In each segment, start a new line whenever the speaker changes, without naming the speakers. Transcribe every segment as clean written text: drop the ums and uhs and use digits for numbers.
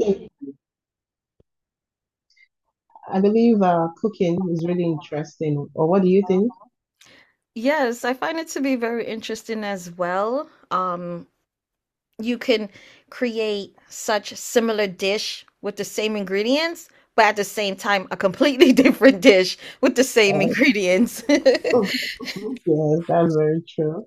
Mm. I believe cooking is really interesting. Or what do you think?
Yes, I find it to be very interesting as well. You can create such similar dish with the same ingredients, but at the same time, a completely different dish with the same
Uh,
ingredients.
Mm, mhm. Yes, that's very true.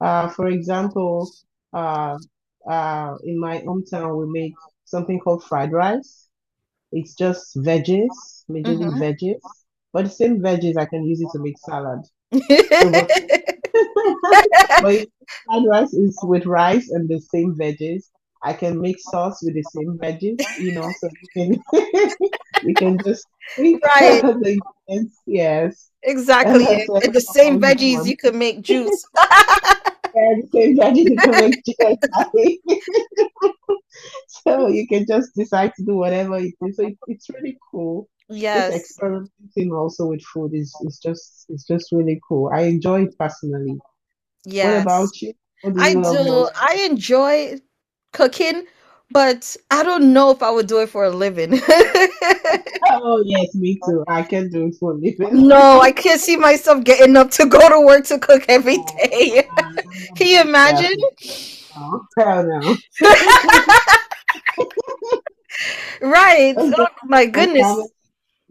For example, uh, in my hometown, we make something called fried rice. It's just veggies, majorly
Mhm.
veggies, but the same veggies I can use it to make salad. So, but but fried rice is with rice and the same veggies. I can make sauce with the same veggies, so you can you can just pick
Right,
the ingredients. Yes,
exactly.
that's what
And the
I
same
propose you
veggies,
one.
you can make juice.
Yeah, the same veggies you can make chicken curry. So you can just decide to do whatever it is. So it's really cool. Just
Yes,
experimenting also with food is just really cool. I enjoy it personally. What
yes.
about you? What do
I
you love
do.
most?
I enjoy cooking, but I don't know if I would do it for a living.
Oh yes, me too. I can do it for a living.
No, I can't see myself getting up to go to work to cook every day.
I'm not
Can you
being a chef
imagine?
now. Oh, hell no.
Right.
Just do
Oh my
my family
goodness.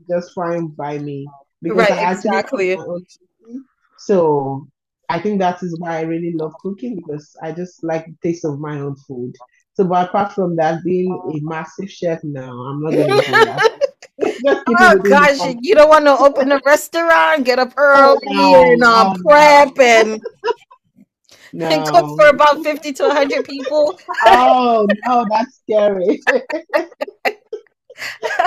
just fine by me because
Right,
I actually do my
exactly.
own cooking. So I think that is why I really love cooking because I just like the taste of my own food. So, but apart from that, being a massive chef, no, I'm not gonna do that. Just keep it
Oh
within the
gosh,
family.
you don't want to open a restaurant, get up
Oh
early and
no, oh no,
prep and cook
no.
for about 50 to 100 people.
Oh no, that's scary.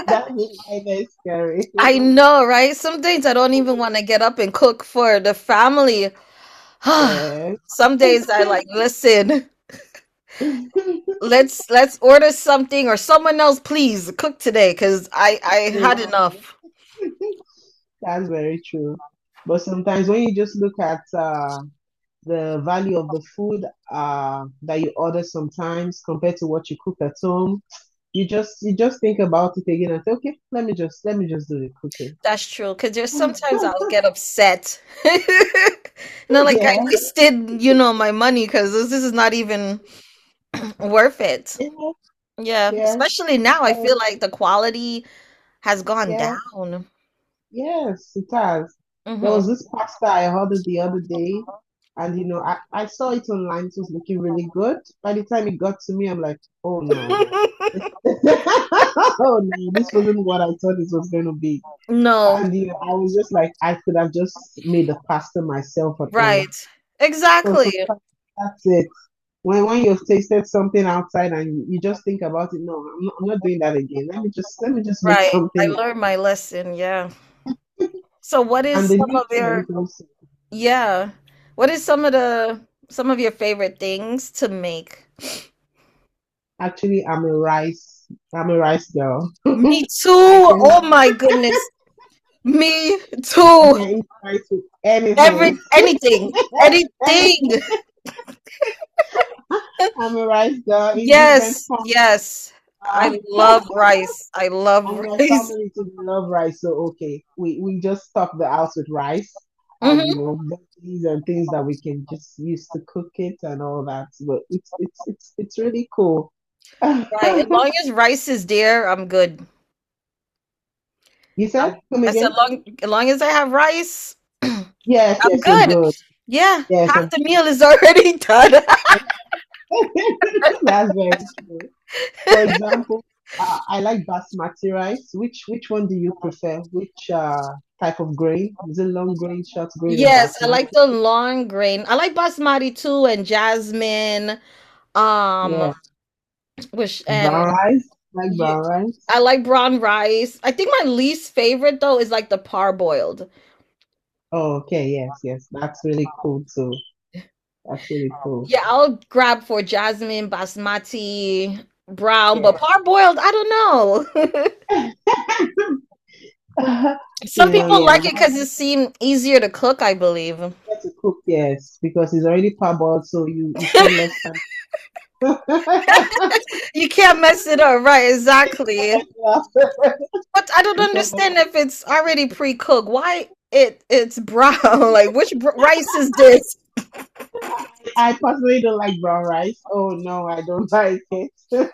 That was why they scary.
I know, right? Some days I don't even want to get up and cook for the family.
Yeah.
Some days I like, listen. Let's order something or someone else please cook today because I
Yeah.
had enough.
That's very true. But sometimes when you just look at the value of the food that you order sometimes compared to what you cook at home, you just think about it again and say, okay, let me just do the cooking.
That's true, because there's sometimes I'll get upset and I'm like, I
Yeah,
wasted my money because this is not even worth it.
yeah,
Yeah,
yes.
especially now I feel
Um,
like the quality has gone
yeah.
down.
Yes, it has. There
Hmm.
was this pasta I ordered the other day, and you know, I saw it online, it was looking really good. By the time it got to me, I'm like, oh no. Oh no, this wasn't what I thought it was going to be.
No,
And you know, I was just like, I could have just made the pasta myself at home.
right,
So,
exactly.
so that's it. When you've tasted something outside and you just think about it, no, I'm not doing that again. Let me just make
Right, I
something.
learned my lesson. Yeah, so what is
And the
some
new
of
try. we
your,
can
yeah, what is some of your favorite things to make?
actually, I'm a rice. I'm a rice girl.
Me too.
I can
Oh my goodness. Me
I
too.
can eat rice with
Every
anything.
anything. Anything.
I'm a rice girl in different
Yes. Yes. I
form.
love rice. I love
And my
rice.
family too love rice, so okay, we just stock the house with rice and you
Hmm.
know veggies and things that we can just use to cook it and all that. But it's really cool.
Right. As long as rice is there, I'm good.
You said
I'm,
come
I said,
again?
long as I have rice,
Yes,
I'm
yes, you're
good.
good.
Yeah.
Yes,
Half
I'm-
the meal is already done.
that's very true. For example, I like basmati rice. Which one do you prefer? Which type of grain? Is it long grain, short grain, or
Yes, I like
basmati?
the long grain. I like basmati too, and jasmine. Um,
Yeah,
which and
brown rice. Like
you,
brown rice.
I like brown rice. I think my least favorite though is like the parboiled.
Oh, okay. Yes, yes. That's really cool too. That's really cool.
Yeah, I'll grab for jasmine, basmati, brown, but
Yeah.
parboiled, I don't know. Some
You know,
people
yeah, easier
like it because it seemed easier to cook, I believe.
to cook, yes, because it's already parboiled, so you spend less time. Yeah.
You can't mess it up, right? Exactly. But I don't
You spend less-
understand, if it's already pre-cooked, why it's brown? Like, which rice is this?
I personally don't like brown rice. Oh no, I don't like it.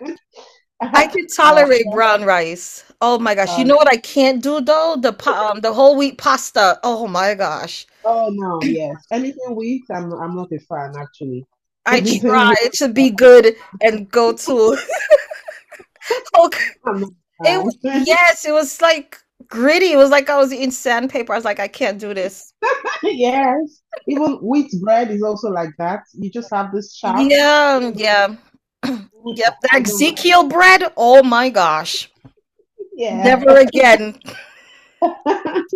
I can
I,
tolerate brown rice. Oh my gosh! You know
um,
what I can't do though? The whole wheat pasta. Oh my gosh!
oh no, yes. Anything weak, I'm not a fan actually.
I
Anything weak,
tried to be good and go to, okay.
I'm not a fan.
Yes, it was like gritty. It was like I was eating sandpaper. I was like, I can't do this.
Yes. Even wheat bread is also like that. You just have this chaff
Yeah,
in the
yeah,
food. I
yep. That
I don't like
Ezekiel bread. Oh my gosh!
it. Yeah.
Never again.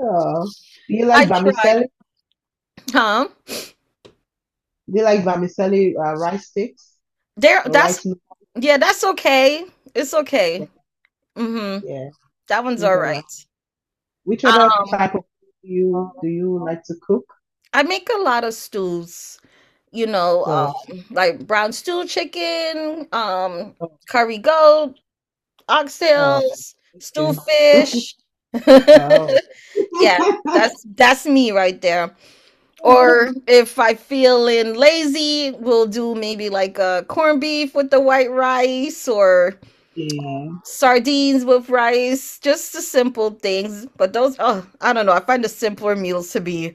Oh. Do you like
I tried.
vermicelli?
Huh?
Do you like vermicelli rice sticks
There
or
that's
rice noodles?
Yeah, that's okay. It's okay.
Yeah,
Mm-hmm.
yeah.
That
I
one's all
think I like.
right.
Which other
Um
type of food do you like to cook?
I make a lot of stews,
Oh,
like brown stew chicken,
oh,
curry goat,
oh,
oxtails, stew
okay.
fish.
Oh.
Yeah, that's me right there. Or if I feeling lazy, we'll do maybe like a corned beef with the white rice, or
Yeah,
sardines with rice, just the simple things. But those, oh, I don't know. I find the simpler meals to be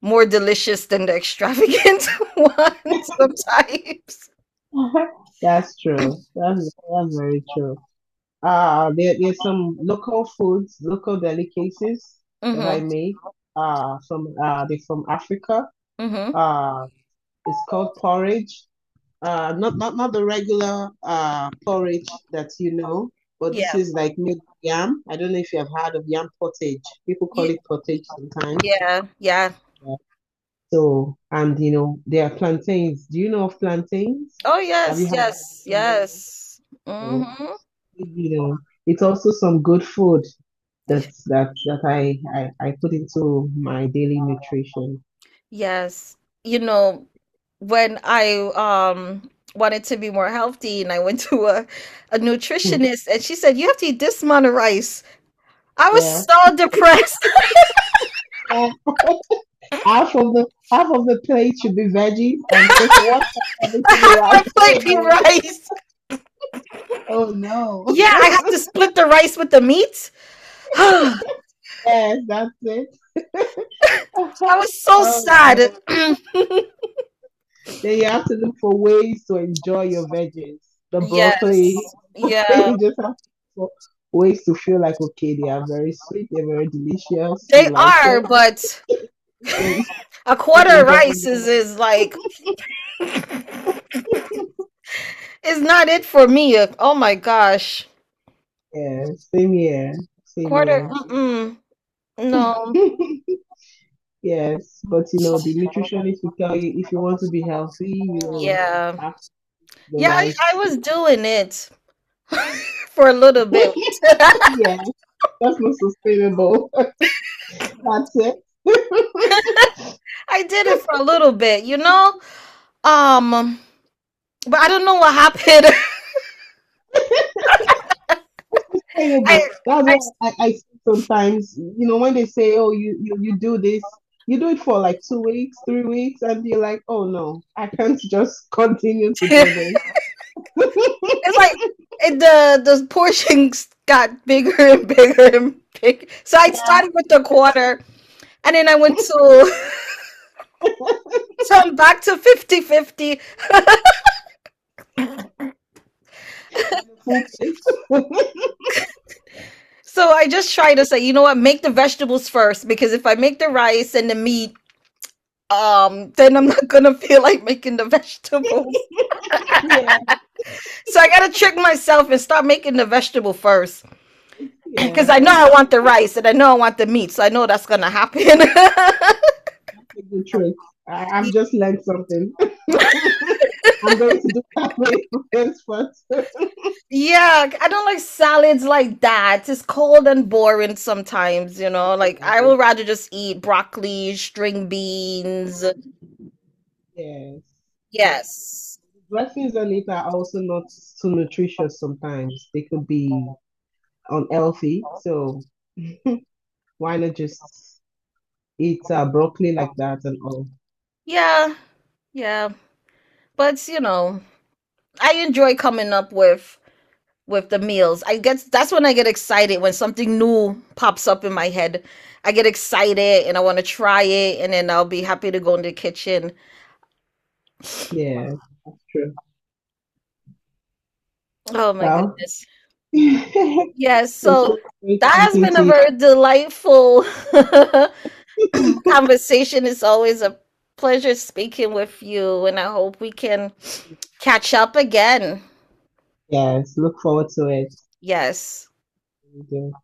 more delicious than the extravagant ones sometimes.
that's true. That's very true. There's some local foods, local delicacies that I
Mhm.
make. From they're from Africa.
Mhm.
Uh, it's called porridge. Not the regular porridge that you know, but this
Yeah.
is like made with yam. I don't know if you have heard of yam pottage. People call
Yeah.
it pottage sometimes.
Yeah. Yeah.
Yeah. So, and you know, there are plantains. Do you know of plantains?
Oh
Have you
yes.
had
Yes.
them?
Yes.
So,
Mhm.
you know, it's also some good food that I put into my daily nutrition.
Yes. You know, when I wanted to be more healthy and I went to a
Hmm,
nutritionist, and she said, you have to eat this amount of rice. I was
yeah.
so depressed.
Yeah. Half of the half of the plate should be veggies and just one half of it should be
Half my
rice.
plate be rice.
Oh no. Oh
Yeah,
no.
I have to split the rice with the meat. I
Yes, that's it.
was so
Oh no.
sad.
Then you have to look for ways to enjoy your veggies. The
Yes.
broccoli,
Yeah.
you just have for ways to feel like okay, they are very sweet, they're very delicious, you
They
like
are,
it.
but
If you're
a
not
quarter of
enjoying
rice
it.
is like is not it for me. Oh my gosh.
Yeah, same here, same
Quarter,
here.
mm-mm. No.
Yes, but you know, the nutritionist will tell you if you want to be healthy, you
Yeah.
have to eat the
Yeah, I
rice.
was doing it for a little bit.
Yeah, that's not sustainable. That's it.
I did it for a little bit, you know? Um but I don't know what happened. I
Terrible. That's
I.
what I see sometimes. You know, when they say, "Oh, you do this," you do it for like 2 weeks, 3 weeks, and you're like, "Oh no, I can't just continue to do this."
It's like, it, the portions got bigger and bigger and big. So I
Yeah.
started with the quarter, and then I went to, so I'm back to fifty fifty.
Then a full plate.
So I just try to say, you know what, make the vegetables first, because if I make the rice and the meat, then I'm not gonna feel like making the vegetables.
Yeah,
So I gotta trick myself and start making the vegetable first, because
yeah,
I know I want the rice and I know I want the meat, so I know that's gonna happen.
that's a good trick. I've just learned something. I'm going to do that way for this first.
Yeah, I don't like salads like that. It's cold and boring sometimes. Like,
Yes,
I would rather just eat broccoli, string beans.
yes.
Yes.
Dressings on it are also not so nutritious sometimes. They could be unhealthy. So why not just eat broccoli like that and all?
Yeah, yeah. But you know, I enjoy coming up with the meals. I guess that's when I get excited, when something new pops up in my head. I get excited and I want to try it, and then I'll be happy to go in the kitchen.
Yeah, that's true.
Oh my
Well,
goodness.
it's
Yes, so
really great
that has
talking
been
to
a
you.
very delightful conversation. It's always a pleasure speaking with you, and I hope we can catch up again.
Yes, look forward to it.
Yes.
Thank you.